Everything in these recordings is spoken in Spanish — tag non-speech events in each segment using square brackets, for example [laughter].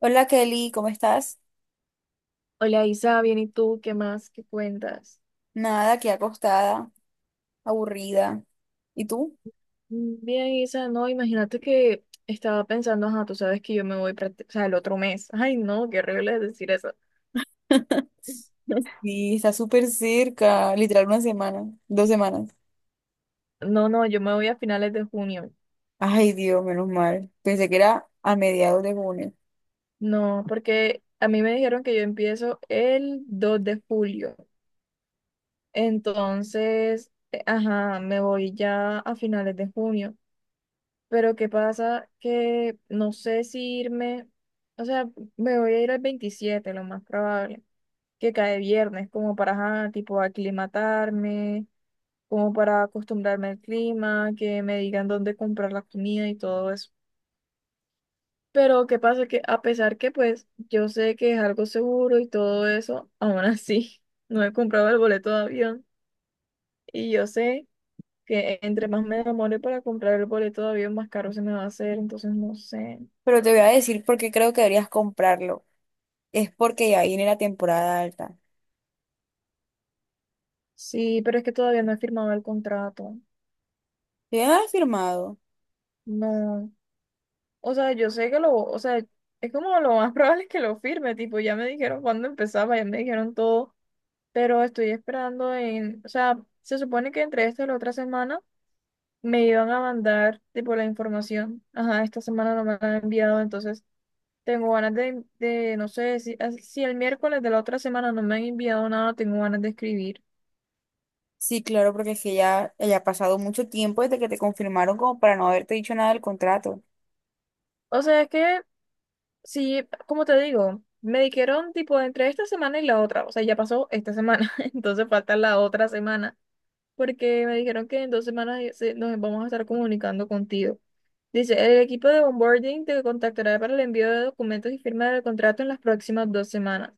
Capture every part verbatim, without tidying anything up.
Hola Kelly, ¿cómo estás? Hola Isa, bien, ¿y tú qué más? ¿Qué cuentas? Nada, aquí acostada, aburrida. ¿Y tú? Mm, Bien, Isa, no, imagínate que estaba pensando, ajá, tú sabes que yo me voy, prácti- o sea, el otro mes. [laughs] Ay, no, qué horrible es decir eso. [laughs] [laughs] Sí, está súper cerca, literal una semana, dos semanas. No, no, yo me voy a finales de junio. Ay, Dios, menos mal. Pensé que era a mediados de junio. No, porque a mí me dijeron que yo empiezo el dos de julio. Entonces, eh, ajá, me voy ya a finales de junio. Pero ¿qué pasa? Que no sé si irme, o sea, me voy a ir el veintisiete lo más probable. Que cae viernes, como para, ajá, tipo, aclimatarme, como para acostumbrarme al clima, que me digan dónde comprar la comida y todo eso. Pero qué pasa que a pesar que pues yo sé que es algo seguro y todo eso, aún así [laughs] no he comprado el boleto de avión y yo sé que entre más me demore para comprar el boleto de avión, más caro se me va a hacer, entonces no sé. Pero te voy a decir por qué creo que deberías comprarlo. Es porque ya viene la temporada alta. Sí, pero es que todavía no he firmado el contrato. ¿Te han firmado? No. O sea, yo sé que lo, o sea, es como lo más [laughs] probable es que lo firme, tipo, ya me dijeron cuándo empezaba, ya me dijeron todo, pero estoy esperando en, o sea, se supone que entre esta y la otra semana me iban a mandar, tipo, la información. Ajá, esta semana no me la han enviado, entonces tengo ganas de, de, no sé, si, as- si el miércoles de la otra semana no me han enviado nada, tengo ganas de escribir. Sí, claro, porque es que ya, ya ha pasado mucho tiempo desde que te confirmaron como para no haberte dicho nada del contrato. O sea, es que, sí, como te digo, me dijeron, tipo, entre esta semana y la otra, o sea, ya pasó esta semana, [laughs] entonces falta la otra semana. Porque me dijeron que en dos semanas eh, se- nos vamos a estar comunicando contigo. Dice, el equipo de onboarding te contactará para el envío de documentos y firma del contrato en las próximas dos semanas.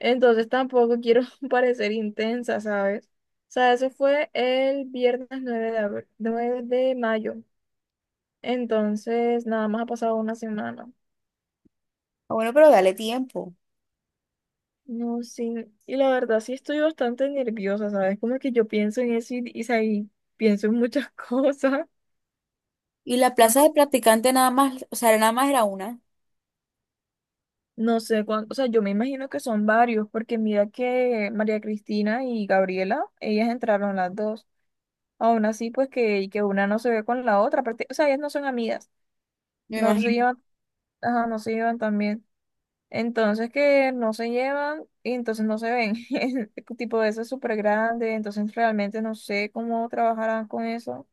Entonces tampoco quiero [laughs] parecer intensa, ¿sabes? O sea, eso fue el viernes nueve de abri- nueve de mayo. Entonces, nada más ha pasado una semana. Ah, bueno, pero dale tiempo. No, sí. Y la verdad sí estoy bastante nerviosa, ¿sabes? Como que yo pienso en eso y, y, o sea, y pienso en muchas [laughs] cosas. Y la plaza de practicante nada más, o sea, nada más era una. No sé cuánto, o sea, yo me imagino que son varios, porque mira que María Cristina y Gabriela, ellas entraron las dos. Aún así, pues que, que una no se ve con la otra, aparte- o sea, ellas no son amigas, Me no se imagino. llevan, ajá, no se llevan también. Entonces que no se llevan y entonces no se ven. [laughs] Es tipo de eso es súper grande, entonces realmente no sé cómo trabajarán con eso.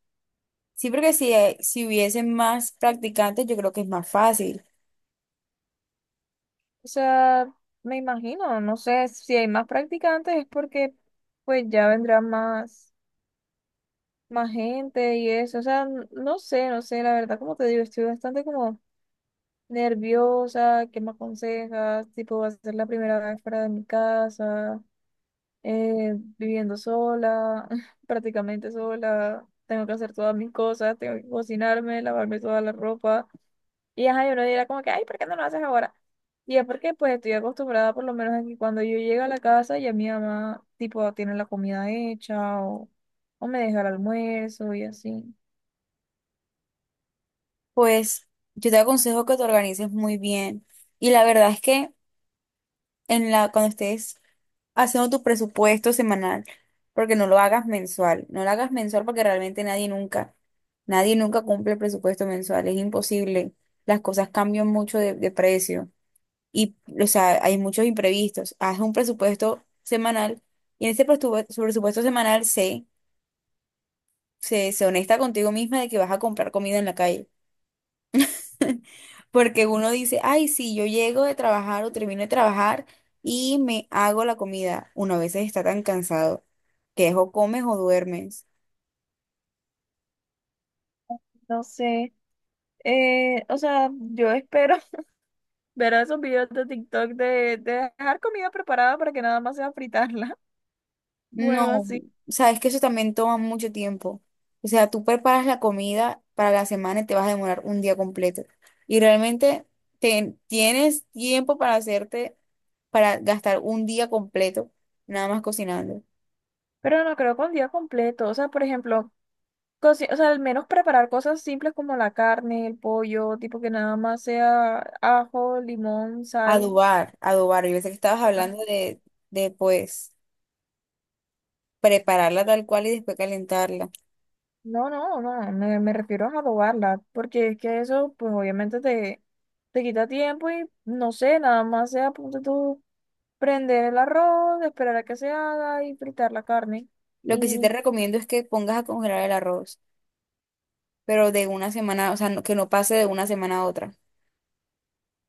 Sí, porque si, eh, si hubiesen más practicantes, yo creo que es más fácil. O sea, me imagino, no sé si hay más practicantes es porque pues ya vendrán más. Más gente y eso. O sea, n- no sé, no sé, la verdad, como te digo, estoy bastante como nerviosa, ¿qué me aconsejas? Tipo, va a ser la primera vez fuera de mi casa, eh, viviendo sola, [laughs] prácticamente sola. Tengo que hacer todas mis cosas, tengo que cocinarme, lavarme toda la ropa. Y ajá, yo no dirá como que, ay, ¿por qué no lo haces ahora? Y es porque pues estoy acostumbrada por lo menos a que cuando yo llego a la casa ya mi mamá tipo tiene la comida hecha o, o me deja el almuerzo y así. Pues yo te aconsejo que te organices muy bien. Y la verdad es que en la, cuando estés haciendo tu presupuesto semanal, porque no lo hagas mensual, no lo hagas mensual porque realmente nadie nunca, nadie nunca cumple el presupuesto mensual, es imposible. Las cosas cambian mucho de, de precio y, o sea, hay muchos imprevistos. Haz un presupuesto semanal y en ese presupuesto, presupuesto semanal sé. se, se honesta contigo misma de que vas a comprar comida en la calle. [laughs] Porque uno dice, ay, sí, yo llego de trabajar o termino de trabajar y me hago la comida. Uno a veces está tan cansado que es o comes o duermes. No sé. Eh, o sea, yo espero [laughs] ver esos videos de TikTok de, de dejar comida preparada para que nada más sea fritarla. [laughs] Bueno, No, así. sabes que eso también toma mucho tiempo. O sea, tú preparas la comida para la semana y te vas a demorar un día completo. Y realmente te- tienes tiempo para hacerte, para gastar un día completo nada más cocinando. Pero no creo con día completo. O sea, por ejemplo, cosi- o sea, al menos preparar cosas simples como la carne, el pollo, tipo que nada más sea ajo, limón, sal. Adobar, adobar. Yo pensé que estabas Ajá. hablando de, de pues prepararla tal cual y después calentarla. No, no, no, me, me refiero a adobarla, porque es que eso, pues obviamente te, te quita tiempo y no sé, nada más sea, punto prender el arroz, esperar a que se haga y fritar la carne. Lo que sí te Y, recomiendo es que pongas a congelar el arroz, pero de una semana, o sea, no- que no pase de una semana a otra.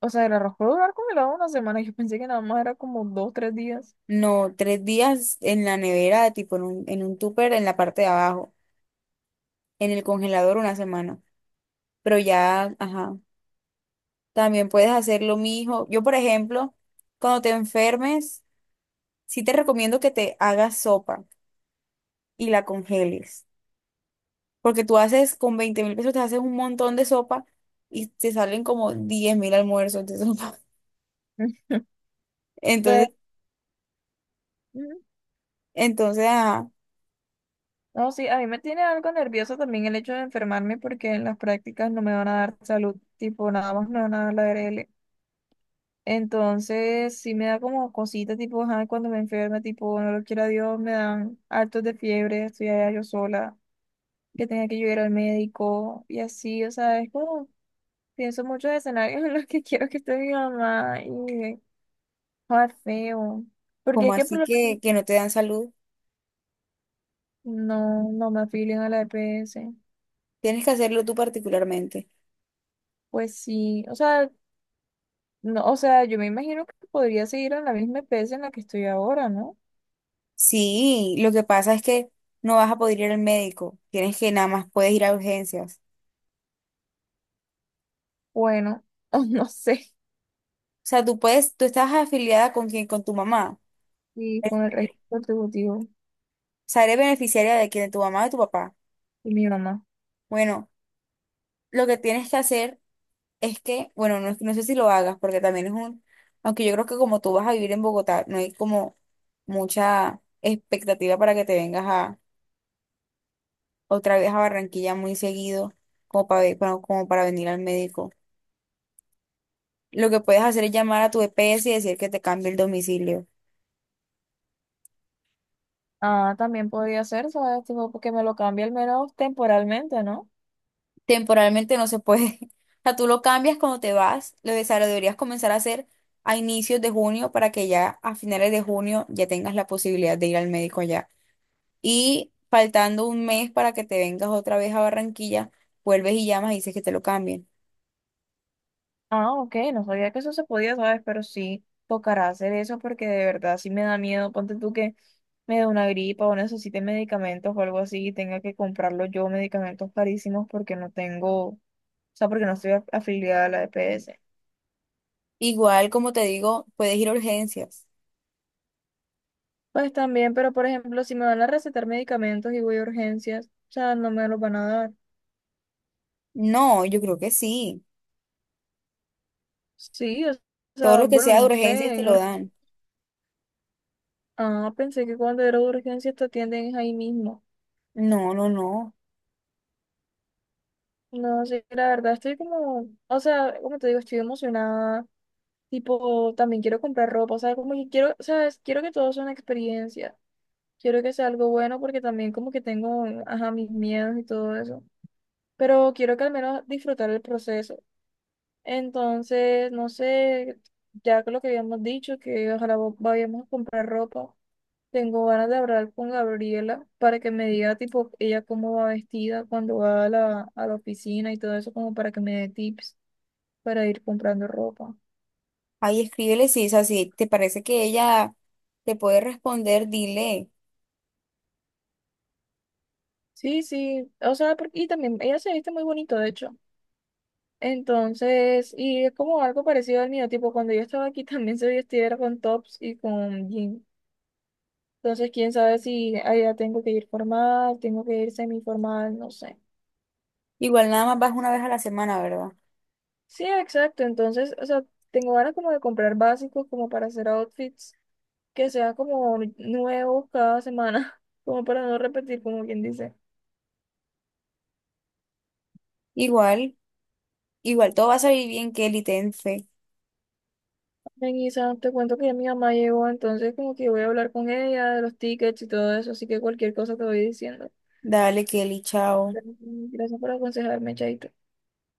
o sea, el arroz puede durar congelado una semana. [laughs] Yo pensé que nada más era como dos, tres días. No, tres días en la nevera, tipo en un, en un tupper en la parte de abajo, en el congelador una semana. Pero ya, ajá, también puedes hacer lo mismo. Yo, por ejemplo, cuando te enfermes, sí te recomiendo que te hagas sopa y la congeles. Porque tú haces con veinte mil pesos, te haces un montón de sopa y te salen como diez mil almuerzos de sopa. [laughs] [laughs] Pues, Entonces, ujú. entonces, ajá, No, sí, a mí me tiene algo nervioso también el hecho de enfermarme porque en las prácticas no me van a dar salud, tipo, nada más me van a dar la A R L. Entonces, sí me da como cositas, tipo, ajá, cuando me enferme, tipo, no lo quiera Dios, me dan hartos de fiebre, estoy allá yo sola, que tenga que yo ir al médico y así, o sea, es como pienso muchos escenarios en los que quiero que esté mi mamá y joder, feo. Porque como es que por así lo menos que, que no te dan salud, no, no me afilian a la E P S. tienes que hacerlo tú particularmente. Pues sí, o sea, no, o sea, yo me imagino que podría seguir en la misma E P S en la que estoy ahora, ¿no? Sí, lo que pasa es que no vas a poder ir al médico, tienes que nada más puedes ir a urgencias. Bueno, [laughs] o no sé. O sea, tú puedes, tú estás afiliada con quién, con tu mamá. Y O con el registro contributivo sea, eres beneficiaria de quién, de tu mamá o de tu papá. y mi mamá. Bueno, lo que tienes que hacer es que, bueno, no, no sé si lo hagas, porque también es un, aunque yo creo que como tú vas a vivir en Bogotá, no hay como mucha expectativa para que te vengas a otra vez a Barranquilla muy seguido, como para, ve- para- como para venir al médico. Lo que puedes hacer es llamar a tu E P S y decir que te cambie el domicilio. Ah, también podría ser, ¿sabes? Tipo, porque me lo cambia al menos temporalmente, ¿no? Temporalmente no se puede. [laughs] O sea, tú lo cambias cuando te vas, lo, de- o sea, lo deberías comenzar a hacer a inicios de junio para que ya a finales de junio ya tengas la posibilidad de ir al médico allá. Y faltando un mes para que te vengas otra vez a Barranquilla, vuelves y llamas y dices que te lo cambien. Ah, ok, no sabía que eso se podía, ¿sabes? Pero sí tocará hacer eso porque de verdad sí me da miedo. Ponte tú que me dé una gripa o necesite medicamentos o algo así y tenga que comprarlo yo, medicamentos carísimos porque no tengo, o sea, porque no estoy af- afiliada a la E P S. Igual, como te digo, puedes ir a urgencias. Pues también, pero por ejemplo, si me van a recetar medicamentos y voy a urgencias, o sea, no me los van a dar. No, yo creo que sí. Sí, o Todo sea, lo que bueno, sea de no urgencias sé. te en lo ur- dan. Ah, pensé que cuando era urgencias te atienden ahí mismo. No, no, no. No, sé la verdad estoy como, o sea, como te digo, estoy emocionada, tipo, también quiero comprar ropa, o sea, como que quiero, sabes, quiero que todo sea una experiencia, quiero que sea algo bueno porque también como que tengo, ajá, mis miedos y todo eso, pero quiero que al menos disfrutar el proceso. Entonces, no sé, ya que lo que habíamos dicho, que ojalá vo- vayamos a comprar ropa, tengo ganas de hablar con Gabriela para que me diga, tipo, ella cómo va vestida cuando va a la, a la oficina y todo eso, como para que me dé tips para ir comprando ropa. Ahí escríbele si es así. ¿Te parece que ella te puede responder? Dile. Sí, sí, o sea, por- y también ella se viste muy bonito, de hecho. Entonces, y es como algo parecido al mío, tipo cuando yo estaba aquí [laughs] también se vestía era con tops y con jeans. Entonces, quién sabe si allá tengo que ir formal, tengo que ir semiformal, no sé. Igual nada más vas una vez a la semana, ¿verdad? Sí, exacto. Entonces, o sea, tengo ganas como de comprar básicos como para hacer outfits que sean como nuevos cada semana, [laughs] como para no repetir, como quien dice. Igual, igual todo va a salir bien, Kelly, ten fe. Melissa, te cuento que ya mi mamá llegó, entonces como que voy a hablar con ella de los tickets y todo eso, así que cualquier cosa te voy diciendo. Dale, Kelly, chao. Gracias por aconsejarme, Chaito.